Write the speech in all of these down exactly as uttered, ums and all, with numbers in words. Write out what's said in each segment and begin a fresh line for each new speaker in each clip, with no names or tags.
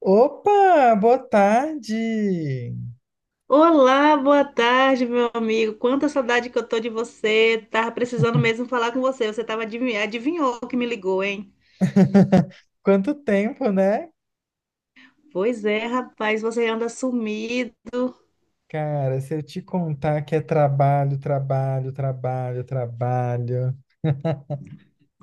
Opa, boa tarde!
Olá, boa tarde, meu amigo. Quanta saudade que eu tô de você. Tava precisando mesmo falar com você. Você tava adivinhando, adivinhou que me ligou, hein?
Quanto tempo, né?
Pois é, rapaz, você anda sumido.
Cara, se eu te contar que é trabalho, trabalho, trabalho, trabalho.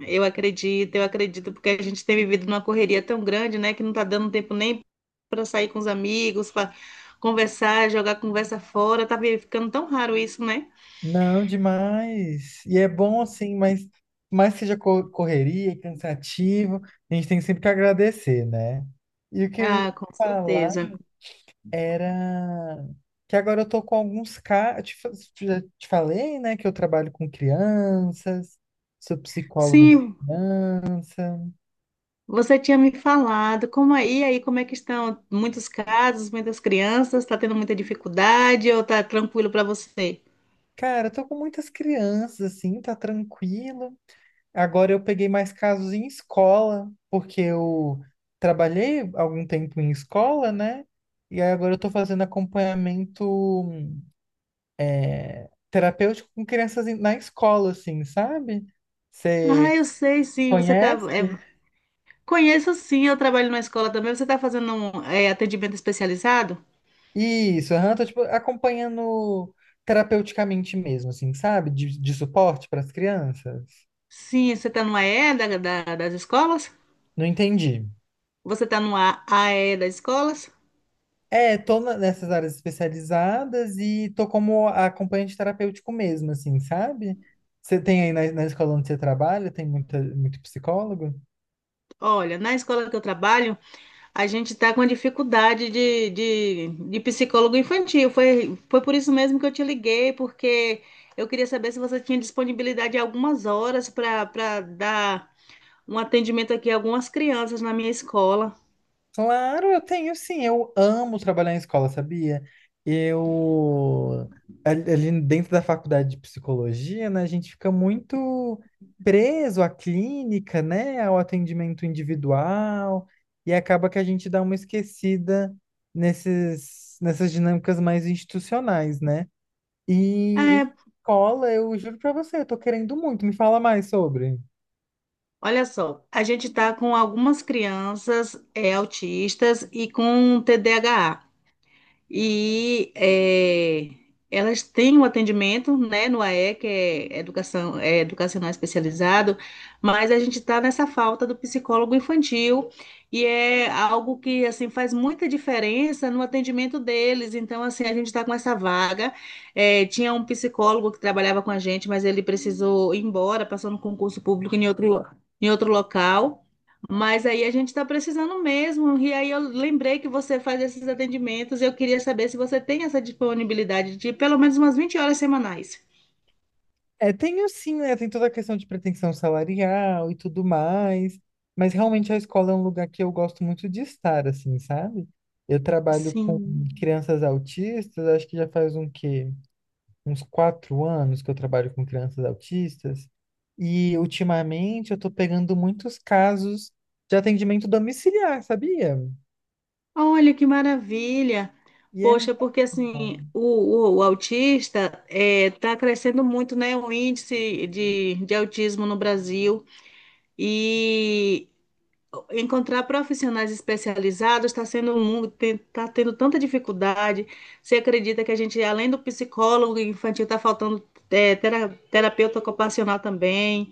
Eu acredito, eu acredito, porque a gente tem vivido numa correria tão grande, né, que não tá dando tempo nem para sair com os amigos, para conversar, jogar conversa fora. Tá ficando tão raro isso, né?
Não, demais. E é bom assim, mas mais que seja co- correria, cansativo, a gente tem sempre que agradecer, né? E o que eu ia
Ah, com
falar
certeza.
era que agora eu tô com alguns casos. Te fa- já te falei, né, que eu trabalho com crianças, sou psicólogo de
Sim,
criança.
você tinha me falado, como aí, aí, como é que estão muitos casos, muitas crianças, está tendo muita dificuldade ou está tranquilo para você?
Cara, eu tô com muitas crianças, assim, tá tranquilo. Agora eu peguei mais casos em escola, porque eu trabalhei algum tempo em escola, né? E aí agora eu tô fazendo acompanhamento é, terapêutico com crianças em- na escola, assim, sabe?
Ah,
Você
eu sei, sim, você está,
conhece?
conheço sim, eu trabalho numa escola também, você está fazendo um, é, atendimento especializado?
Isso, aham, tô, tipo, acompanhando terapeuticamente mesmo, assim, sabe? De, de suporte para as crianças.
Sim, você está no A E da- da- das escolas?
Não entendi.
Você está no A AE das escolas?
É, tô na- nessas áreas especializadas e tô como acompanhante terapêutico mesmo, assim, sabe? Você tem aí na, na escola onde você trabalha, tem muita, muito psicólogo?
Olha, na escola que eu trabalho, a gente está com dificuldade de, de, de psicólogo infantil. Foi, foi por isso mesmo que eu te liguei, porque eu queria saber se você tinha disponibilidade de algumas horas para para dar um atendimento aqui a algumas crianças na minha escola.
Claro, eu tenho sim. Eu amo trabalhar em escola, sabia? Eu. Ali ali dentro da faculdade de psicologia, né, a gente fica muito preso à clínica, né, ao atendimento individual, e acaba que a gente dá uma esquecida nesses, nessas dinâmicas mais institucionais, né? E
É,
em escola, eu juro pra você, eu tô querendo muito. Me fala mais sobre.
Olha só, a gente está com algumas crianças é, autistas e com T D A H. E é, elas têm um atendimento, né, no A E, que é educação, é educacional especializado, mas a gente está nessa falta do psicólogo infantil e é algo que assim faz muita diferença no atendimento deles. Então, assim, a gente está com essa vaga. É, tinha um psicólogo que trabalhava com a gente, mas ele precisou ir embora, passou no concurso público em outro, em outro local. Mas aí a gente está precisando mesmo. E aí eu lembrei que você faz esses atendimentos. Eu queria saber se você tem essa disponibilidade de pelo menos umas vinte horas semanais.
É, tem o sim, né? Tem toda a questão de pretensão salarial e tudo mais. Mas realmente a escola é um lugar que eu gosto muito de estar, assim, sabe? Eu trabalho com
Sim.
crianças autistas, acho que já faz um quê? Uns quatro anos que eu trabalho com crianças autistas. E ultimamente eu tô pegando muitos casos de atendimento domiciliar, sabia?
Olha que maravilha.
E é
Poxa,
muito
porque
bom.
assim, o, o- o autista está crescendo muito, né? O índice de, de autismo no Brasil. E encontrar profissionais especializados está sendo um mundo, está tendo tanta dificuldade. Você acredita que a gente, além do psicólogo infantil, está faltando é, tera- terapeuta ocupacional também,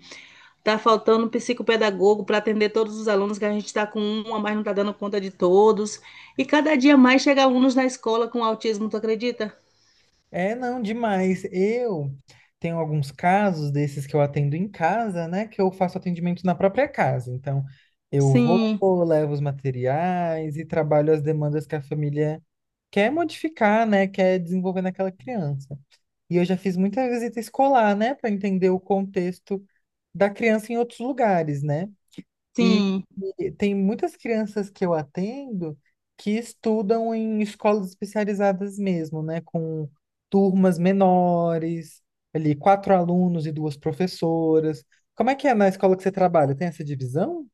está faltando um psicopedagogo para atender todos os alunos, que a gente está com uma, mas não está dando conta de todos. E cada dia mais chega alunos na escola com autismo, tu acredita?
É, não, demais. Eu tenho alguns casos desses que eu atendo em casa, né? Que eu faço atendimento na própria casa. Então, eu vou,
Sim,
levo os materiais e trabalho as demandas que a família quer modificar, né? Quer desenvolver naquela criança. E eu já fiz muita visita escolar, né, para entender o contexto da criança em outros lugares, né? E,
sim.
e tem muitas crianças que eu atendo que estudam em escolas especializadas mesmo, né? Com turmas menores, ali quatro alunos e duas professoras. Como é que é na escola que você trabalha? Tem essa divisão?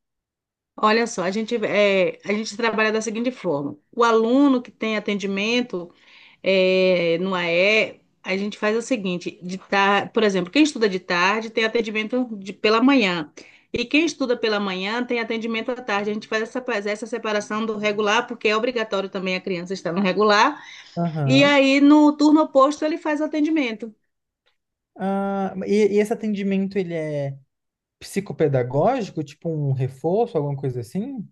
Olha só, a gente, é, a gente trabalha da seguinte forma: o aluno que tem atendimento. É, no A E, a gente faz o seguinte, de tar... por exemplo, quem estuda de tarde tem atendimento de- pela manhã. E quem estuda pela manhã tem atendimento à tarde. A gente faz essa, faz essa separação do regular, porque é obrigatório também a criança estar no regular. E
Aham.
aí, no turno oposto, ele faz o atendimento.
Ah, e, e esse atendimento, ele é psicopedagógico, tipo um reforço, alguma coisa assim?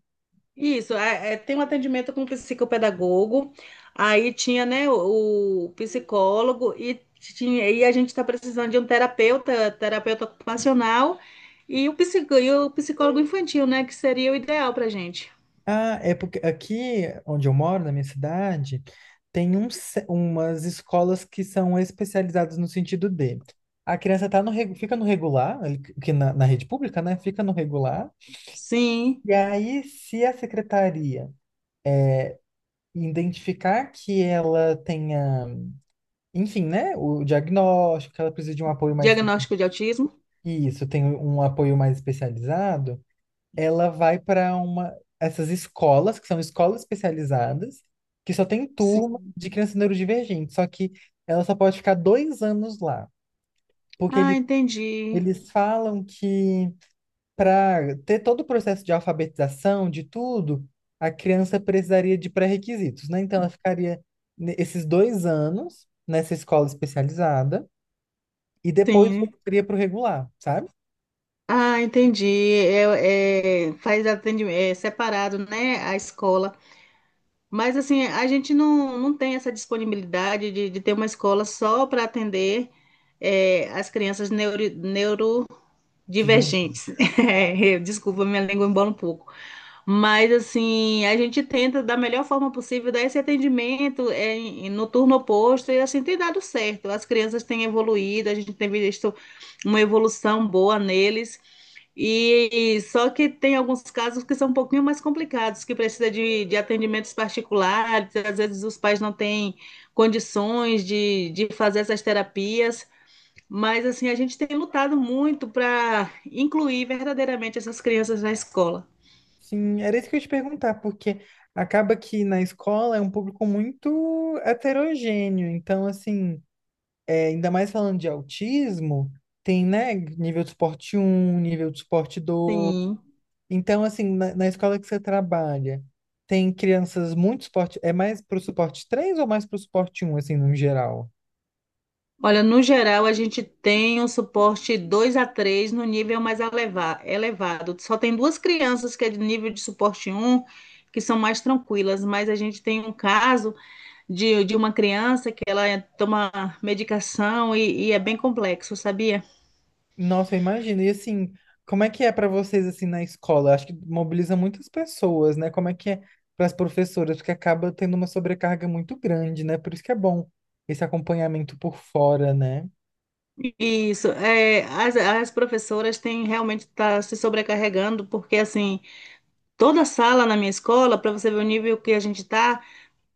Isso, é, é, tem um atendimento com o psicopedagogo, aí tinha, né, o, o psicólogo e tinha, e a gente está precisando de um terapeuta, terapeuta ocupacional e o, psico, e o psicólogo infantil, né, que seria o ideal para gente.
Ah, é porque aqui onde eu moro, na minha cidade, tem um, ce- umas escolas que são especializadas no sentido de a criança tá no, regu- fica no regular, ali que que na, na rede pública, né? Fica no regular.
Sim,
E aí, se a secretaria identificar que ela tenha, enfim, né? O diagnóstico, que ela precisa de um apoio mais.
diagnóstico de autismo?
Isso, tem um apoio mais especializado. Ela vai para uma essas escolas, que são escolas especializadas, que só tem turma
Sim.
de crianças neurodivergentes, só que ela só pode ficar dois anos lá, porque
Ah,
eles,
entendi.
eles falam que para ter todo o processo de alfabetização, de tudo, a criança precisaria de pré-requisitos, né? Então ela ficaria ne- esses dois anos nessa escola especializada e depois
Sim.
voltaria para o regular, sabe?
Ah, entendi. É, é, faz atendimento, é separado, né, a escola. Mas assim, a gente não, não tem essa disponibilidade de, de ter uma escola só para atender é, as crianças neuro, neurodivergentes. É, desculpa, minha língua embola um pouco. Mas assim, a gente tenta da melhor forma possível dar esse atendimento é, em- no turno oposto e assim tem dado certo. As crianças têm evoluído, a gente tem visto uma evolução boa neles. E só que tem alguns casos que são um pouquinho mais complicados, que precisa de, de atendimentos particulares, às vezes os pais não têm condições de, de fazer essas terapias, mas assim, a gente tem lutado muito para incluir verdadeiramente essas crianças na escola.
Sim, era isso que eu ia te perguntar, porque acaba que na escola é um público muito heterogêneo. Então, assim, é, ainda mais falando de autismo, tem, né, nível de suporte um nível de suporte dois.
Sim.
Então, assim, na, na escola que você trabalha, tem crianças muito suporte. É mais pro suporte três ou mais pro suporte um assim, no geral?
Olha, no geral, a gente tem um suporte dois a três no nível mais eleva- elevado. Só tem duas crianças que é de nível de suporte um, que são mais tranquilas, mas a gente tem um caso de, de uma criança que ela é, toma medicação e, e é bem complexo, sabia?
Nossa, eu imagino. E assim, como é que é para vocês assim na escola? Acho que mobiliza muitas pessoas, né? Como é que é para as professoras? Porque acaba tendo uma sobrecarga muito grande, né? Por isso que é bom esse acompanhamento por fora, né?
Isso, é, as, as professoras têm realmente tá se sobrecarregando, porque assim, toda sala na minha escola, para você ver o nível que a gente tá,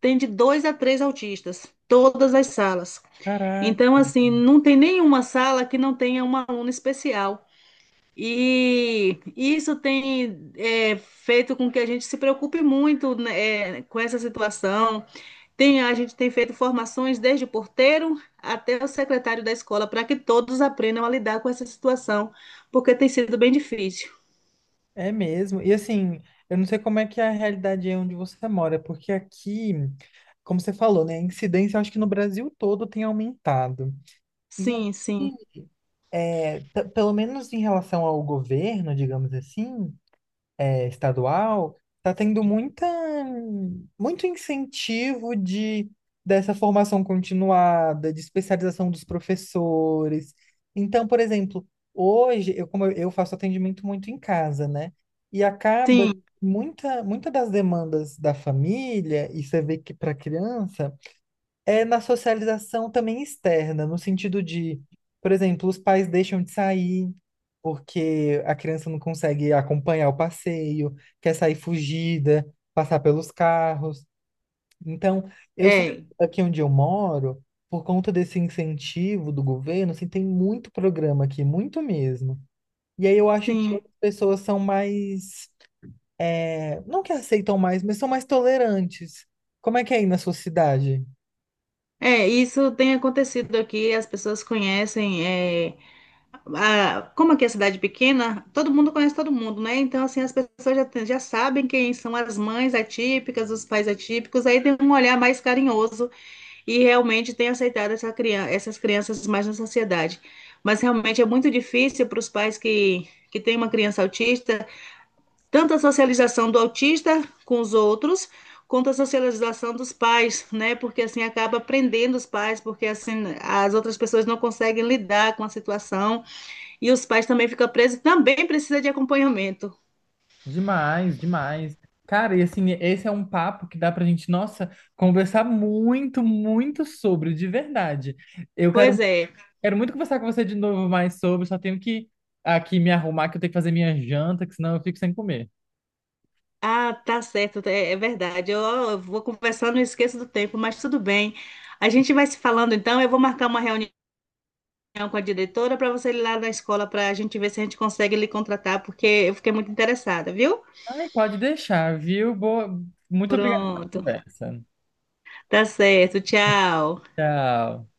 tem de dois a três autistas, todas as salas. Então,
Caraca,
assim, não tem nenhuma sala que não tenha uma aluna especial. E isso tem é, feito com que a gente se preocupe muito, né, é, com essa situação. Tem, a gente tem feito formações desde o porteiro até o secretário da escola para que todos aprendam a lidar com essa situação, porque tem sido bem difícil.
é mesmo. E assim, eu não sei como é que é a realidade aí onde você mora, porque aqui, como você falou, né? A incidência, eu acho que no Brasil todo tem aumentado. E
Sim, sim,
aqui, é, t- pelo menos em relação ao governo, digamos assim. É, estadual, está tendo muita, muito incentivo de, dessa formação continuada, de especialização dos professores. Então, por exemplo, hoje, eu, como eu eu faço atendimento muito em casa, né? E acaba
sim,
muita, muita das demandas da família, e você vê que para criança é na socialização também externa, no sentido de, por exemplo, os pais deixam de sair porque a criança não consegue acompanhar o passeio, quer sair fugida, passar pelos carros. Então, eu sinto
é,
que aqui onde eu moro, por conta desse incentivo do governo, assim, tem muito programa aqui, muito mesmo. E aí eu acho que
sim.
outras pessoas são mais, é, não que aceitam mais, mas são mais tolerantes. Como é que é aí na sua cidade?
É, isso tem acontecido aqui, as pessoas conhecem, é, a- como aqui é cidade pequena, todo mundo conhece todo mundo, né? Então, assim, as pessoas já, tem- já sabem quem são as mães atípicas, os pais atípicos, aí tem um olhar mais carinhoso e realmente tem aceitado essa criança, essas crianças mais na sociedade. Mas realmente é muito difícil para os pais que, que têm uma criança autista, tanto a socialização do autista com os outros, quanto a socialização dos pais, né? Porque assim acaba prendendo os pais, porque assim as outras pessoas não conseguem lidar com a situação e os pais também ficam presos, também precisa de acompanhamento.
Demais, demais. Cara, e assim, esse é um papo que dá pra gente, nossa, conversar muito, muito sobre, de verdade. Eu quero,
Pois é.
quero muito conversar com você de novo mais sobre, só tenho que aqui me arrumar, que eu tenho que fazer minha janta, que senão eu fico sem comer.
Ah, tá certo, é, é verdade. Eu, eu vou conversando e esqueço do tempo, mas tudo bem. A gente vai se falando então. Eu vou marcar uma reunião com a diretora para você ir lá na escola para a gente ver se a gente consegue lhe contratar, porque eu fiquei muito interessada, viu?
Ai, pode deixar, viu? Boa... Muito obrigada pela
Pronto,
conversa.
tá certo, tchau.
Tchau.